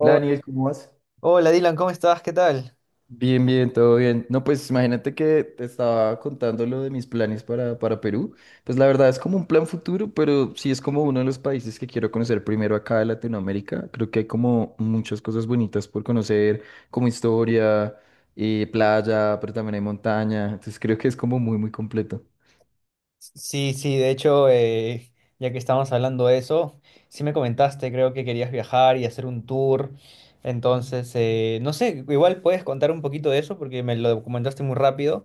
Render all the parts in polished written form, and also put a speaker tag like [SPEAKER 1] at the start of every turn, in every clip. [SPEAKER 1] Hola
[SPEAKER 2] Oh,
[SPEAKER 1] Daniel, ¿cómo vas?
[SPEAKER 2] hola Dylan, ¿cómo estás? ¿Qué tal?
[SPEAKER 1] Bien, bien, todo bien. No, pues imagínate que te estaba contando lo de mis planes para Perú. Pues la verdad es como un plan futuro, pero sí es como uno de los países que quiero conocer primero acá de Latinoamérica. Creo que hay como muchas cosas bonitas por conocer, como historia, playa, pero también hay montaña. Entonces creo que es como muy, muy completo.
[SPEAKER 2] Sí, sí, de hecho, ya que estábamos hablando de eso, sí me comentaste, creo que querías viajar y hacer un tour. Entonces, no sé, igual puedes contar un poquito de eso porque me lo comentaste muy rápido.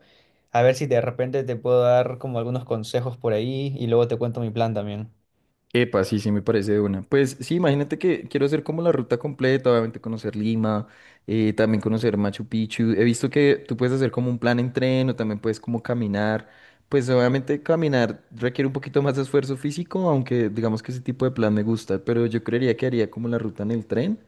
[SPEAKER 2] A ver si de repente te puedo dar como algunos consejos por ahí y luego te cuento mi plan también.
[SPEAKER 1] Epa, sí, sí, me parece de una. Pues sí, imagínate que quiero hacer como la ruta completa, obviamente conocer Lima, también conocer Machu Picchu. He visto que tú puedes hacer como un plan en tren o también puedes como caminar. Pues obviamente caminar requiere un poquito más de esfuerzo físico, aunque digamos que ese tipo de plan me gusta, pero yo creería que haría como la ruta en el tren.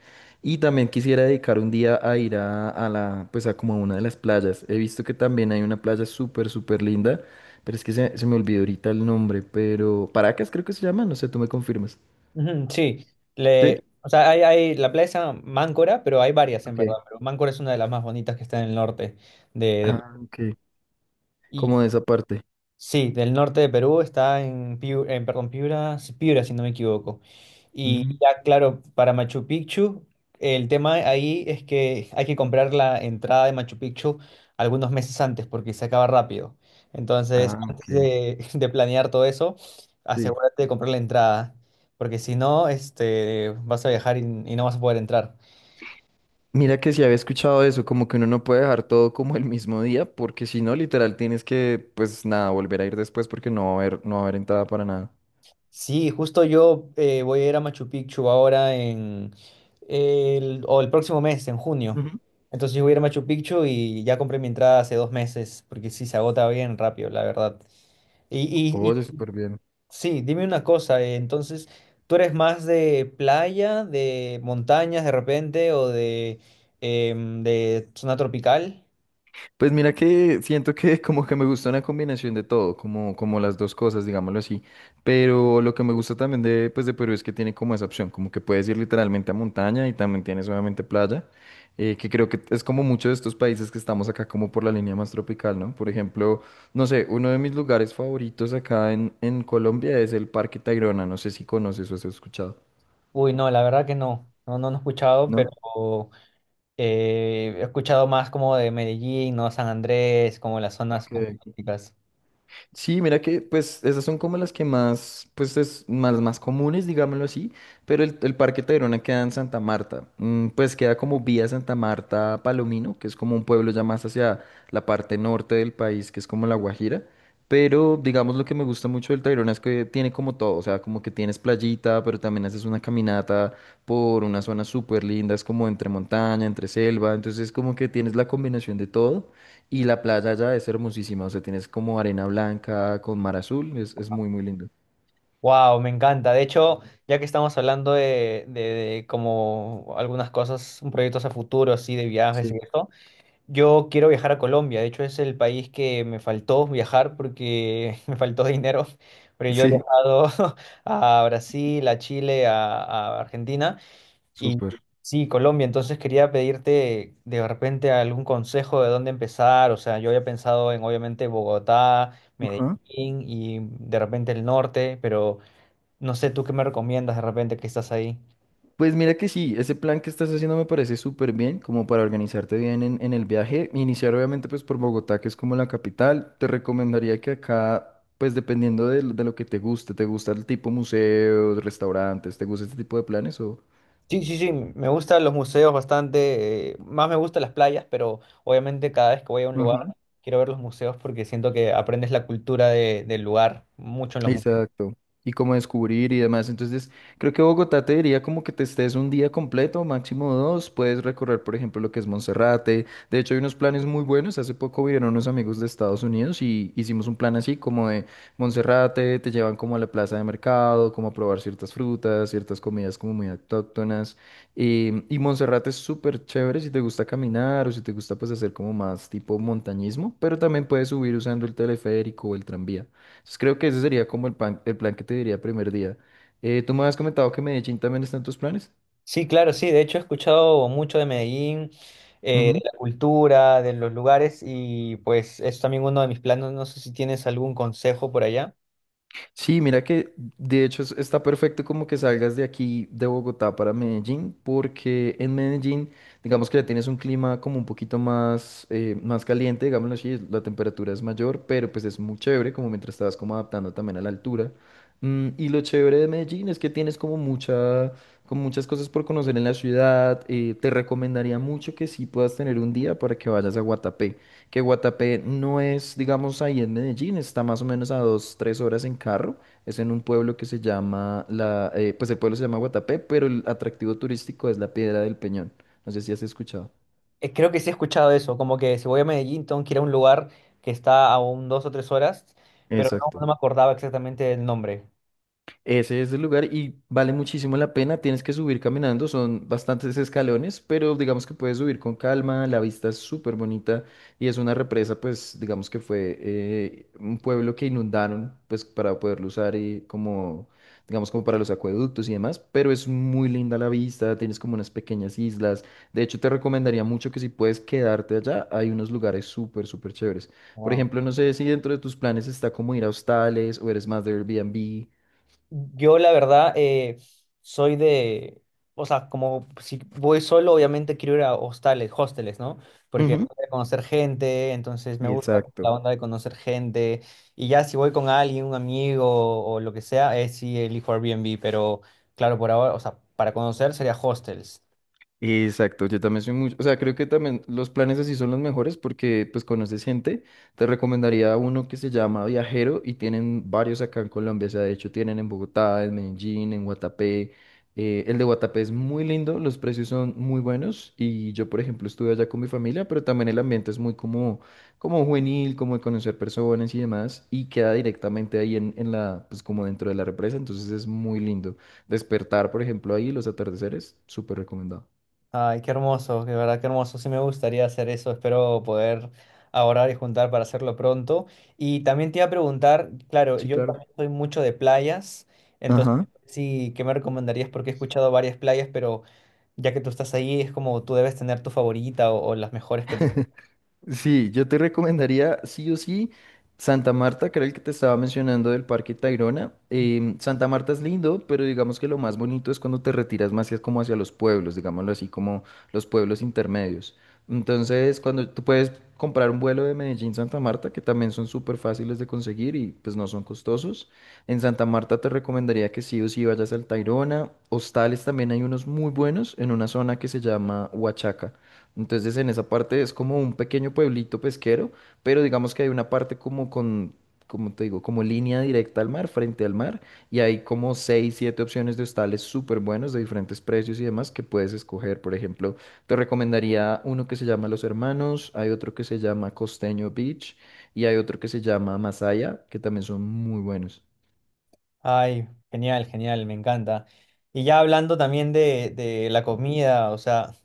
[SPEAKER 1] Y también quisiera dedicar un día a ir pues a como a una de las playas. He visto que también hay una playa súper, súper linda, pero es que se me olvidó ahorita el nombre, pero Paracas creo que se llama, no sé, tú me confirmas.
[SPEAKER 2] Ujú, sí,
[SPEAKER 1] ¿Sí?
[SPEAKER 2] le, o sea, hay la playa se llama Máncora, pero hay varias en
[SPEAKER 1] Ok.
[SPEAKER 2] verdad, pero Máncora es una de las más bonitas que está en el norte de de-
[SPEAKER 1] Ah, ok.
[SPEAKER 2] y,
[SPEAKER 1] Como de esa parte.
[SPEAKER 2] sí, del norte de Perú está en Piura, en, perdón, Piura, sí, Piura, si no me equivoco. Y
[SPEAKER 1] Mm.
[SPEAKER 2] ya, claro, para Machu Picchu, el tema ahí es que hay que comprar la entrada de Machu Picchu algunos meses antes porque se acaba rápido. Entonces,
[SPEAKER 1] Ah, ok.
[SPEAKER 2] antes de, de planear todo eso,
[SPEAKER 1] Sí.
[SPEAKER 2] asegúrate de comprar la entrada, porque si no, este, vas a viajar y no vas a poder entrar.
[SPEAKER 1] Mira que si había escuchado eso, como que uno no puede dejar todo como el mismo día, porque si no, literal, tienes que, pues nada, volver a ir después porque no va a haber, no va a haber entrada para nada.
[SPEAKER 2] Sí, justo yo voy a ir a Machu Picchu ahora en el, o el próximo mes, en junio.
[SPEAKER 1] Ujú.
[SPEAKER 2] Entonces yo voy a ir a Machu Picchu y ya compré mi entrada hace dos meses, porque sí, se agota bien rápido, la verdad. Y
[SPEAKER 1] Oye, súper bien.
[SPEAKER 2] sí, dime una cosa, entonces, ¿tú eres más de playa, de montañas de repente o de, de zona tropical?
[SPEAKER 1] Pues mira que siento que como que me gusta una combinación de todo, como, como las dos cosas, digámoslo así. Pero lo que me gusta también de, pues de Perú es que tiene como esa opción, como que puedes ir literalmente a montaña y también tienes obviamente playa, que creo que es como muchos de estos países que estamos acá como por la línea más tropical, ¿no? Por ejemplo, no sé, uno de mis lugares favoritos acá en Colombia es el Parque Tayrona, no sé si conoces o has escuchado.
[SPEAKER 2] Uy, no, la verdad que no, no, no, no he escuchado,
[SPEAKER 1] ¿No?
[SPEAKER 2] pero... he escuchado más como de Medellín, ¿no? San Andrés, como las zonas más
[SPEAKER 1] Ok.
[SPEAKER 2] turísticas.
[SPEAKER 1] Sí, mira que pues esas son como las que más, pues es más, más comunes, digámoslo así, pero el Parque Tayrona queda en Santa Marta. Mm, pues queda como vía Santa Marta a Palomino, que es como un pueblo ya más hacia la parte norte del país, que es como La Guajira, pero digamos lo que me gusta mucho del Tayrona es que tiene como todo, o sea, como que tienes playita, pero también haces una caminata por una zona súper linda, es como entre montaña, entre selva, entonces como que tienes la combinación de todo. Y la playa allá es hermosísima, o sea, tienes como arena blanca con mar azul, es muy, muy lindo.
[SPEAKER 2] Wow, me encanta. De hecho, ya que estamos hablando de, de como algunas cosas, un proyectos a futuro, así, de viajes y
[SPEAKER 1] Sí.
[SPEAKER 2] esto, yo quiero viajar a Colombia. De hecho, es el país que me faltó viajar porque me faltó dinero. Pero yo he
[SPEAKER 1] Sí,
[SPEAKER 2] viajado a Brasil, a Chile, a Argentina. Y
[SPEAKER 1] súper.
[SPEAKER 2] sí, Colombia, entonces quería pedirte de repente algún consejo de dónde empezar. O sea, yo había pensado en obviamente Bogotá,
[SPEAKER 1] Ajá.
[SPEAKER 2] Medellín y de repente el norte, pero no sé tú qué me recomiendas de repente que estás ahí.
[SPEAKER 1] Pues mira que sí, ese plan que estás haciendo me parece súper bien, como para organizarte bien en el viaje. Iniciar obviamente pues por Bogotá, que es como la capital. Te recomendaría que acá, pues dependiendo de, lo que te guste, ¿te gusta el tipo museos, restaurantes? ¿Te gusta este tipo de planes o...?
[SPEAKER 2] Sí, sí, sí, me gustan los museos bastante, más me gustan las playas, pero obviamente cada vez que voy a un lugar quiero ver los museos porque siento que aprendes la cultura del lugar mucho en los museos.
[SPEAKER 1] Exacto. Y cómo descubrir y demás. Entonces, creo que Bogotá te diría como que te estés un día completo, máximo dos. Puedes recorrer, por ejemplo, lo que es Monserrate. De hecho, hay unos planes muy buenos. Hace poco vinieron unos amigos de Estados Unidos y hicimos un plan así como de Monserrate, te llevan como a la plaza de mercado, como a probar ciertas frutas, ciertas comidas como muy autóctonas. Y Monserrate es súper chévere si te gusta caminar o si te gusta pues hacer como más tipo montañismo, pero también puedes subir usando el teleférico o el tranvía. Entonces creo que ese sería como el plan que te diría primer día. Tú me habías comentado que Medellín también está en tus planes.
[SPEAKER 2] Sí, claro, sí. De hecho, he escuchado mucho de Medellín, de la cultura, de los lugares y pues es también uno de mis planes. No sé si tienes algún consejo por allá.
[SPEAKER 1] Sí, mira que de hecho está perfecto como que salgas de aquí de Bogotá para Medellín, porque en Medellín, digamos que ya tienes un clima como un poquito más, más caliente, digámoslo así, la temperatura es mayor, pero pues es muy chévere, como mientras estabas como adaptando también a la altura. Mm, y lo chévere de Medellín es que tienes como mucha, como muchas cosas por conocer en la ciudad. Te recomendaría mucho que sí puedas tener un día para que vayas a Guatapé, que Guatapé no es, digamos, ahí en Medellín, está más o menos a dos, tres horas en carro. Es en un pueblo que se llama, pues el pueblo se llama Guatapé, pero el atractivo turístico es la Piedra del Peñón. No sé si has escuchado.
[SPEAKER 2] Creo que sí he escuchado eso, como que si voy a Medellín tengo que ir a un lugar que está a un dos o tres horas, pero no,
[SPEAKER 1] Exacto.
[SPEAKER 2] no me acordaba exactamente el nombre.
[SPEAKER 1] Ese es el lugar y vale muchísimo la pena. Tienes que subir caminando, son bastantes escalones, pero digamos que puedes subir con calma. La vista es súper bonita y es una represa, pues digamos que fue un pueblo que inundaron, pues para poderlo usar y como, digamos, como para los acueductos y demás. Pero es muy linda la vista, tienes como unas pequeñas islas. De hecho, te recomendaría mucho que si puedes quedarte allá, hay unos lugares súper, súper chéveres. Por ejemplo, no sé si dentro de tus planes está como ir a hostales o eres más de Airbnb.
[SPEAKER 2] Yo la verdad soy de, o sea, como si voy solo, obviamente quiero ir a hostales, hosteles, ¿no? Porque voy
[SPEAKER 1] Ujú.
[SPEAKER 2] a conocer gente, entonces me gusta la
[SPEAKER 1] Exacto.
[SPEAKER 2] onda de conocer gente. Y ya si voy con alguien, un amigo o lo que sea, es si elijo Airbnb, pero claro, por ahora, o sea, para conocer sería hostels.
[SPEAKER 1] Exacto, yo también soy mucho, o sea, creo que también los planes así son los mejores porque pues conoces gente, te recomendaría uno que se llama Viajero y tienen varios acá en Colombia, o sea, de hecho tienen en Bogotá, en Medellín, en Guatapé. El de Guatapé es muy lindo, los precios son muy buenos y yo por ejemplo estuve allá con mi familia, pero también el ambiente es muy como, como juvenil, como de conocer personas y demás y queda directamente ahí pues como dentro de la represa, entonces es muy lindo. Despertar por ejemplo ahí, los atardeceres, súper recomendado.
[SPEAKER 2] Ay, qué hermoso, de verdad qué hermoso. Sí me gustaría hacer eso. Espero poder ahorrar y juntar para hacerlo pronto. Y también te iba a preguntar, claro,
[SPEAKER 1] Sí,
[SPEAKER 2] yo
[SPEAKER 1] claro.
[SPEAKER 2] también soy mucho de playas, entonces
[SPEAKER 1] Ajá.
[SPEAKER 2] sí, ¿qué me recomendarías? Porque he escuchado varias playas, pero ya que tú estás ahí, es como tú debes tener tu favorita o las mejores que tú.
[SPEAKER 1] Sí, yo te recomendaría sí o sí Santa Marta, que era el que te estaba mencionando del Parque Tayrona. Santa Marta es lindo, pero digamos que lo más bonito es cuando te retiras más como hacia los pueblos, digámoslo así, como los pueblos intermedios. Entonces, cuando tú puedes comprar un vuelo de Medellín Santa Marta, que también son súper fáciles de conseguir y pues no son costosos. En Santa Marta te recomendaría que sí o sí vayas al Tayrona. Hostales también hay unos muy buenos en una zona que se llama Huachaca. Entonces en esa parte es como un pequeño pueblito pesquero, pero digamos que hay una parte como con, como te digo, como línea directa al mar, frente al mar, y hay como seis, siete opciones de hostales súper buenos de diferentes precios y demás que puedes escoger. Por ejemplo, te recomendaría uno que se llama Los Hermanos, hay otro que se llama Costeño Beach y hay otro que se llama Masaya, que también son muy buenos.
[SPEAKER 2] Ay, genial, genial, me encanta. Y ya hablando también de la comida, o sea.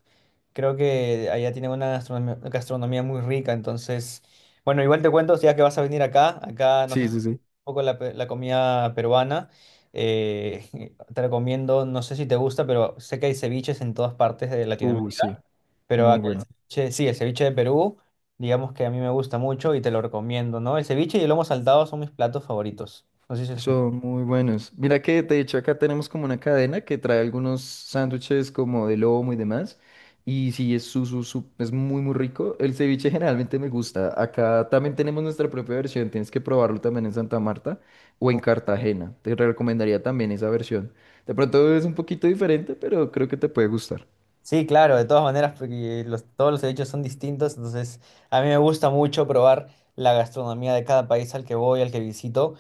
[SPEAKER 2] Creo que allá tienen una gastronomía, gastronomía muy rica, entonces, bueno, igual te cuento, ya que vas a venir acá, acá no sé
[SPEAKER 1] Sí,
[SPEAKER 2] si un
[SPEAKER 1] sí, sí.
[SPEAKER 2] poco la, la comida peruana, eh, te recomiendo, no sé si te gusta, pero sé que hay ceviches en todas partes de Latinoamérica,
[SPEAKER 1] Sí.
[SPEAKER 2] pero
[SPEAKER 1] Muy
[SPEAKER 2] acá el
[SPEAKER 1] bueno.
[SPEAKER 2] ceviche, sí, el ceviche de Perú, digamos que a mí me gusta mucho y te lo recomiendo, ¿no? El ceviche y el lomo saltado son mis platos favoritos. No sé si se escucha.
[SPEAKER 1] Son muy buenos. Mira que de hecho acá tenemos como una cadena que trae algunos sándwiches como de lomo y demás. Y sí, es, es muy, muy rico. El ceviche generalmente me gusta. Acá también tenemos nuestra propia versión. Tienes que probarlo también en Santa Marta o en Cartagena. Te recomendaría también esa versión. De pronto es un poquito diferente, pero creo que te puede gustar.
[SPEAKER 2] Sí, claro, de todas maneras, porque los, todos los hechos son distintos, entonces a mí me gusta mucho probar la gastronomía de cada país al que voy, al que visito,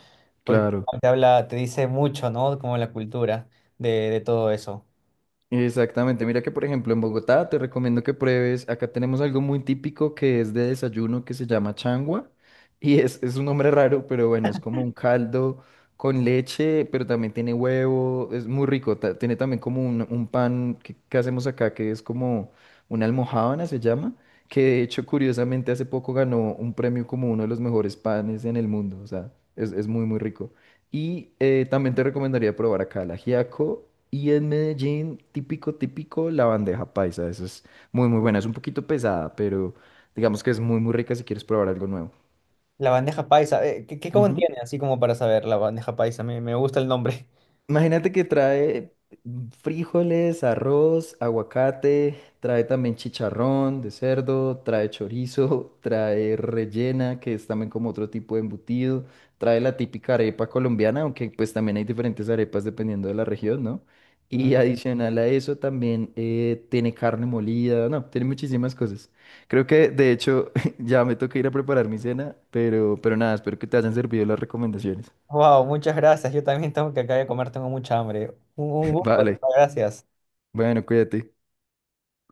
[SPEAKER 2] porque
[SPEAKER 1] Claro.
[SPEAKER 2] te habla, te dice mucho, ¿no? Como la cultura de todo eso.
[SPEAKER 1] Exactamente, mira que por ejemplo en Bogotá te recomiendo que pruebes, acá tenemos algo muy típico que es de desayuno que se llama changua y es un nombre raro, pero bueno, es como un caldo con leche, pero también tiene huevo, es muy rico, tiene también como un pan que hacemos acá que es como una almojábana se llama, que de hecho curiosamente hace poco ganó un premio como uno de los mejores panes en el mundo, o sea, es muy muy rico. Y también te recomendaría probar acá el ajiaco. Y en Medellín, típico, típico, la bandeja paisa. Esa es muy, muy buena. Es un poquito pesada, pero digamos que es muy, muy rica si quieres probar algo nuevo.
[SPEAKER 2] La bandeja paisa, ¿qué, qué
[SPEAKER 1] Ujú.
[SPEAKER 2] contiene? Así como para saber, la bandeja paisa, me gusta el nombre.
[SPEAKER 1] Imagínate que trae frijoles, arroz, aguacate, trae también chicharrón de cerdo, trae chorizo, trae rellena, que es también como otro tipo de embutido, trae la típica arepa colombiana, aunque pues también hay diferentes arepas dependiendo de la región, ¿no? Y adicional a eso también tiene carne molida, no, tiene muchísimas cosas. Creo que de hecho ya me toca ir a preparar mi cena, pero nada, espero que te hayan servido las recomendaciones.
[SPEAKER 2] Wow, muchas gracias, yo también tengo que acá de comer, tengo mucha hambre. Un gusto,
[SPEAKER 1] Vale,
[SPEAKER 2] gracias.
[SPEAKER 1] bueno, cuídate.